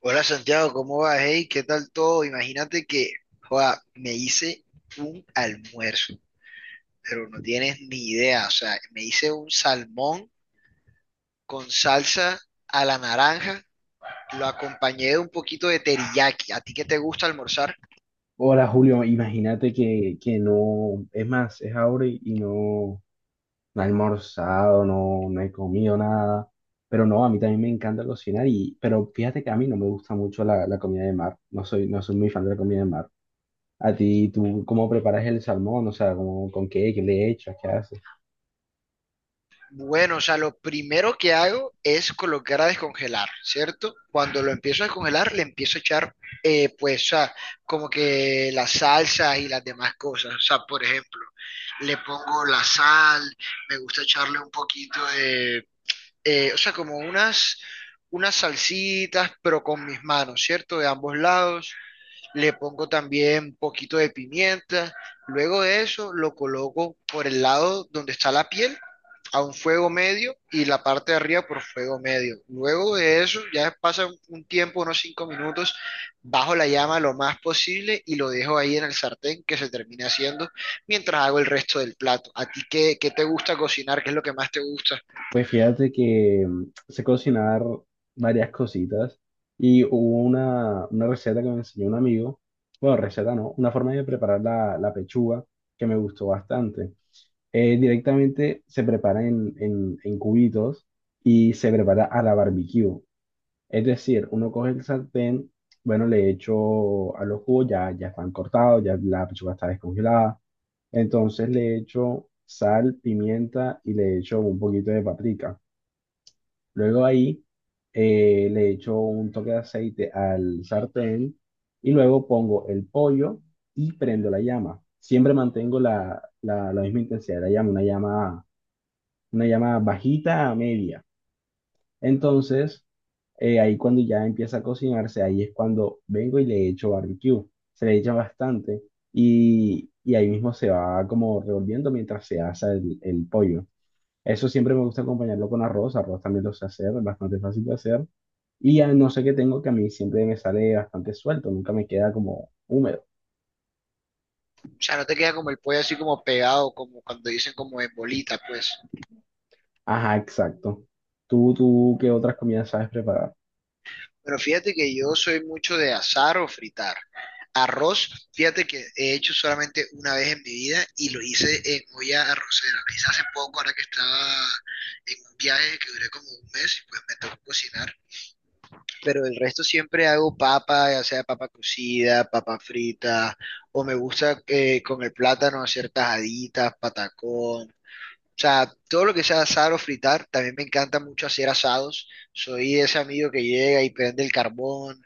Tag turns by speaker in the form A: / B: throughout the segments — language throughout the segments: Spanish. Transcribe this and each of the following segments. A: Hola Santiago, ¿cómo vas? Hey, ¿qué tal todo? Imagínate que joda, me hice un almuerzo, pero no tienes ni idea. O sea, me hice un salmón con salsa a la naranja, lo acompañé de un poquito de teriyaki. ¿A ti qué te gusta almorzar?
B: Hola Julio, imagínate que no, es más, es ahora y no he almorzado, no he comido nada, pero no, a mí también me encanta cocinar y, pero fíjate que a mí no me gusta mucho la comida de mar, no soy muy fan de la comida de mar. A ti, ¿tú cómo preparas el salmón? O sea, ¿con qué, qué le echas, qué haces?
A: Bueno, o sea, lo primero que hago es colocar a descongelar, ¿cierto? Cuando lo empiezo a descongelar, le empiezo a echar, pues, o sea, como que las salsas y las demás cosas. O sea, por ejemplo, le pongo la sal, me gusta echarle un poquito de, o sea, como unas salsitas, pero con mis manos, ¿cierto? De ambos lados le pongo también un poquito de pimienta. Luego de eso lo coloco por el lado donde está la piel a un fuego medio y la parte de arriba por fuego medio. Luego de eso ya pasa un tiempo, unos 5 minutos, bajo la llama lo más posible y lo dejo ahí en el sartén que se termine haciendo mientras hago el resto del plato. ¿A ti qué, qué te gusta cocinar? ¿Qué es lo que más te gusta?
B: Pues fíjate que sé cocinar varias cositas y hubo una receta que me enseñó un amigo, bueno, receta no, una forma de preparar la pechuga que me gustó bastante. Directamente se prepara en cubitos y se prepara a la barbecue. Es decir, uno coge el sartén, bueno, le echo a los jugos, ya están cortados, ya la pechuga está descongelada. Entonces le echo sal, pimienta y le echo un poquito de paprika. Luego ahí le echo un toque de aceite al sartén y luego pongo el pollo y prendo la llama. Siempre mantengo la misma intensidad de la llama, una llama bajita a media. Entonces, ahí cuando ya empieza a cocinarse, ahí es cuando vengo y le echo barbecue. Se le echa bastante y ahí mismo se va como revolviendo mientras se asa el pollo. Eso siempre me gusta acompañarlo con arroz. Arroz también lo sé hacer, es bastante fácil de hacer. Y a no sé qué tengo que a mí siempre me sale bastante suelto, nunca me queda como húmedo.
A: O sea, no te queda como el pollo así como pegado, como cuando dicen como en bolita, pues.
B: Ajá, exacto. ¿Tú qué otras comidas sabes preparar?
A: Pero fíjate que yo soy mucho de asar o fritar. Arroz, fíjate que he hecho solamente una vez en mi vida y lo hice en olla arrocera. Lo hice hace poco, ahora que estaba en un viaje que duré como un mes y pues me tocó cocinar. Pero el resto siempre hago papa, ya sea papa cocida, papa frita, o me gusta con el plátano hacer tajaditas, patacón, o sea, todo lo que sea asar o fritar, también me encanta mucho hacer asados. Soy ese amigo que llega y prende el carbón,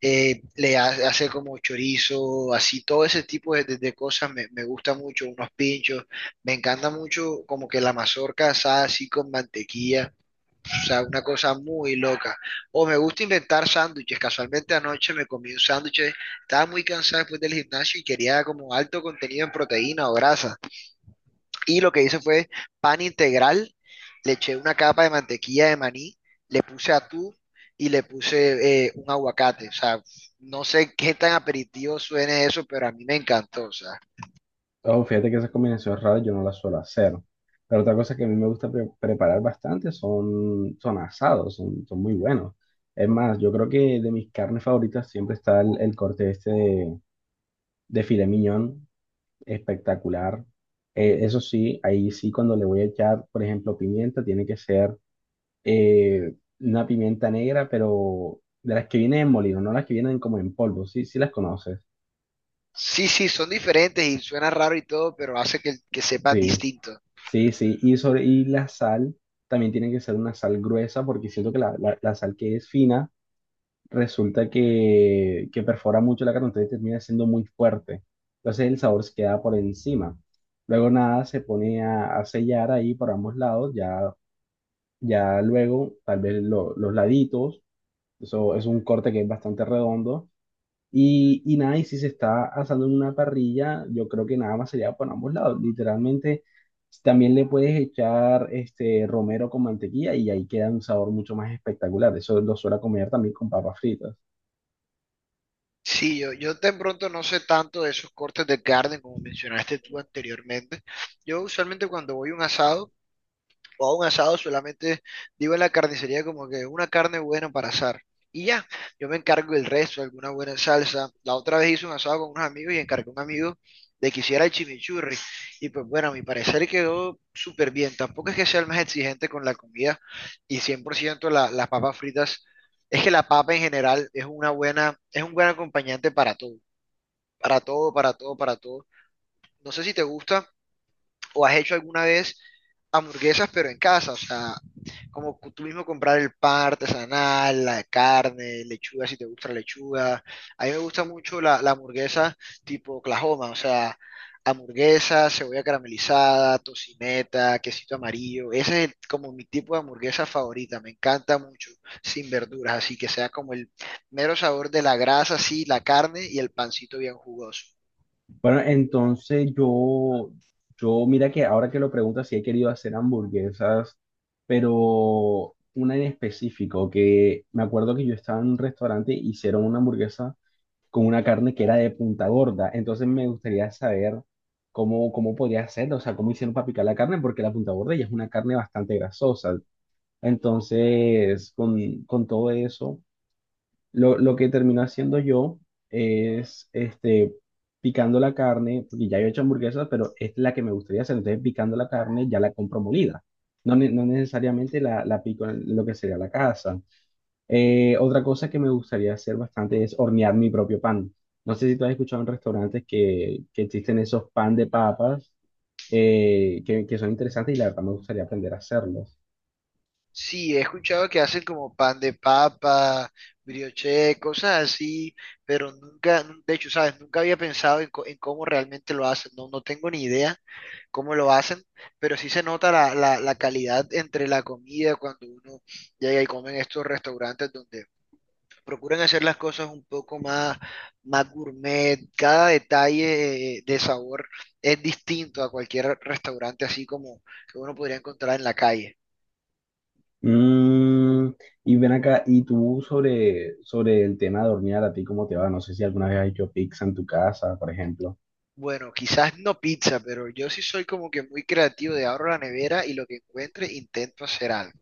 A: hace como chorizo, así, todo ese tipo de cosas me gusta mucho, unos pinchos. Me encanta mucho como que la mazorca asada así con mantequilla, o sea, una cosa muy loca. O me gusta inventar sándwiches. Casualmente anoche me comí un sándwich, estaba muy cansado después del gimnasio y quería como alto contenido en proteína o grasa. Y lo que hice fue pan integral, le eché una capa de mantequilla de maní, le puse atún y le puse un aguacate. O sea, no sé qué tan aperitivo suene eso, pero a mí me encantó. O sea,
B: Oh, fíjate que esas combinaciones raras yo no las suelo hacer. Pero otra cosa que a mí me gusta preparar bastante son asados, son muy buenos. Es más, yo creo que de mis carnes favoritas siempre está el corte este de filet mignon. Espectacular. Eso sí, ahí sí cuando le voy a echar, por ejemplo, pimienta, tiene que ser eh, una pimienta negra, pero de las que vienen en molino, no las que vienen como en polvo, sí, sí las conoces.
A: sí, sí, son diferentes y suena raro y todo, pero hace que sepan
B: Sí,
A: distinto.
B: sí. Y, sobre, y la sal también tiene que ser una sal gruesa porque siento que la sal que es fina resulta que perfora mucho la carne, entonces termina siendo muy fuerte. Entonces el sabor se queda por encima. Luego nada, se pone a sellar ahí por ambos lados, ya luego, tal vez los laditos, eso es un corte que es bastante redondo. Y nada, y si se está asando en una parrilla, yo creo que nada más sería por ambos lados. Literalmente, también le puedes echar este romero con mantequilla y ahí queda un sabor mucho más espectacular. Eso lo suelo comer también con papas fritas.
A: Sí, yo de pronto no sé tanto de esos cortes de carne como mencionaste tú anteriormente. Yo usualmente cuando voy a un asado, o a un asado solamente digo en la carnicería como que una carne buena para asar. Y ya, yo me encargo del resto, alguna buena salsa. La otra vez hice un asado con unos amigos y encargué a un amigo de que hiciera el chimichurri. Y pues bueno, a mi parecer quedó súper bien. Tampoco es que sea el más exigente con la comida y 100% la- las papas fritas. Es que la papa en general es una buena, es un buen acompañante para todo, para todo, para todo, para todo. No sé si te gusta o has hecho alguna vez hamburguesas, pero en casa, o sea, como tú mismo comprar el pan artesanal, la carne, lechuga, si te gusta la lechuga. A mí me gusta mucho la hamburguesa tipo Oklahoma, o sea, hamburguesa, cebolla caramelizada, tocineta, quesito amarillo. Ese es como mi tipo de hamburguesa favorita, me encanta mucho, sin verduras, así que sea como el mero sabor de la grasa, sí, la carne y el pancito bien jugoso.
B: Bueno, entonces yo, mira que ahora que lo preguntas, sí he querido hacer hamburguesas, pero una en específico, que me acuerdo que yo estaba en un restaurante y hicieron una hamburguesa con una carne que era de punta gorda, entonces me gustaría saber cómo podría hacerlo o sea, cómo hicieron para picar la carne, porque la punta gorda ya es una carne bastante grasosa. Entonces, con todo eso... Lo que termino haciendo yo es este, picando la carne, porque ya yo he hecho hamburguesas, pero esta es la que me gustaría hacer. Entonces, picando la carne, ya la compro molida. No, no necesariamente la pico en lo que sería la casa. Otra cosa que me gustaría hacer bastante es hornear mi propio pan. No sé si tú has escuchado en restaurantes que existen esos pan de papas que son interesantes y la verdad me gustaría aprender a hacerlos.
A: Sí, he escuchado que hacen como pan de papa, brioche, cosas así, pero nunca, nu- de hecho, sabes, nunca había pensado en, en cómo realmente lo hacen, no, no tengo ni idea cómo lo hacen, pero sí se nota la calidad entre la comida cuando uno llega y come en estos restaurantes donde procuran hacer las cosas un poco más, más gourmet, cada detalle de sabor es distinto a cualquier restaurante así como que uno podría encontrar en la calle.
B: Mm, y ven acá, y tú sobre, sobre el tema de hornear, ¿a ti cómo te va? No sé si alguna vez has hecho pizza en tu casa, por ejemplo.
A: Bueno, quizás no pizza, pero yo sí soy como que muy creativo de abro la nevera y lo que encuentre intento hacer algo.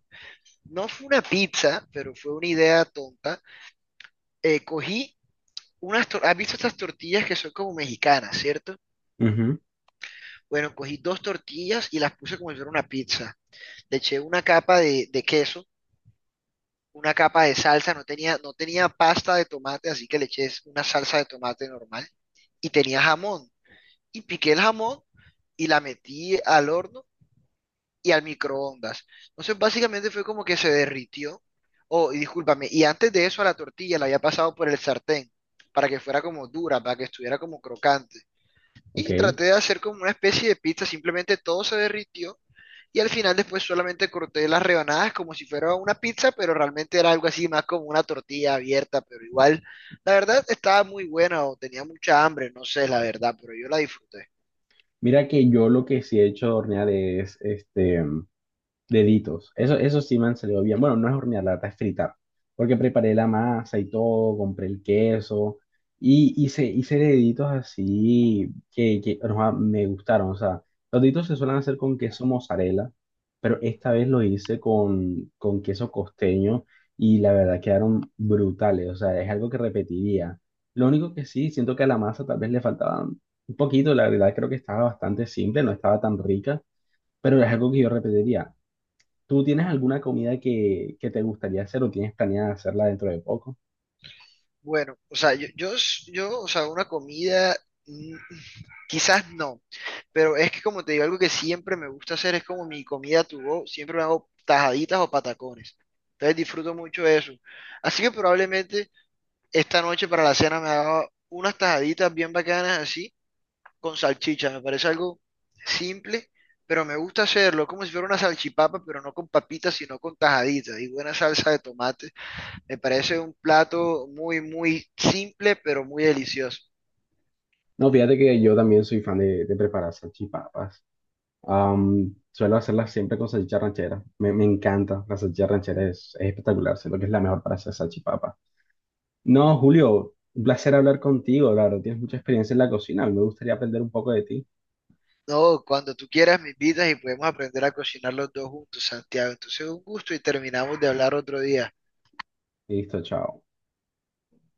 A: No fue una pizza, pero fue una idea tonta. Cogí ¿has visto estas tortillas que son como mexicanas, cierto?
B: Ujú,
A: Bueno, cogí dos tortillas y las puse como si fuera una pizza. Le eché una capa de queso, una capa de salsa, no tenía pasta de tomate, así que le eché una salsa de tomate normal y tenía jamón. Y piqué el jamón y la metí al horno y al microondas. Entonces, básicamente fue como que se derritió. Oh, y discúlpame, y antes de eso a la tortilla la había pasado por el sartén para que fuera como dura, para que estuviera como crocante.
B: ok.
A: Y traté de hacer como una especie de pizza, simplemente todo se derritió y al final después solamente corté las rebanadas como si fuera una pizza, pero realmente era algo así más como una tortilla abierta, pero igual, la verdad estaba muy buena o tenía mucha hambre, no sé, la verdad, pero yo la disfruté.
B: Mira que yo lo que sí he hecho de hornear es este. Deditos. Eso sí me han salido bien. Bueno, no es hornear, la verdad es fritar. Porque preparé la masa y todo, compré el queso y hice deditos así que, o sea, me gustaron. O sea, los deditos se suelen hacer con queso mozzarella, pero esta vez lo hice con queso costeño y la verdad quedaron brutales. O sea, es algo que repetiría. Lo único que sí, siento que a la masa tal vez le faltaban un poquito. La verdad creo que estaba bastante simple, no estaba tan rica, pero es algo que yo repetiría. ¿Tú tienes alguna comida que te gustaría hacer o tienes planeada hacerla dentro de poco?
A: Bueno, o sea, o sea, una comida, mm, quizás no, pero es que como te digo, algo que siempre me gusta hacer es como mi comida to go, siempre me hago tajaditas o patacones. Entonces disfruto mucho eso. Así que probablemente esta noche para la cena me haga unas tajaditas bien bacanas así, con salchicha. Me parece algo simple, pero me gusta hacerlo, como si fuera una salchipapa, pero no con papitas, sino con tajaditas y buena salsa de tomate. Me parece un plato muy, muy simple, pero muy delicioso.
B: No, fíjate que yo también soy fan de preparar salchipapas. Am, suelo hacerlas siempre con salchicha ranchera. Me encanta. La salchicha ranchera es espectacular. Siento que es la mejor para hacer salchipapas. No, Julio, un placer hablar contigo. La verdad, tienes mucha experiencia en la cocina. A mí me gustaría aprender un poco de ti.
A: No, cuando tú quieras me invitas y podemos aprender a cocinar los dos juntos, Santiago. Entonces, un gusto y terminamos de hablar otro día.
B: Listo, chao.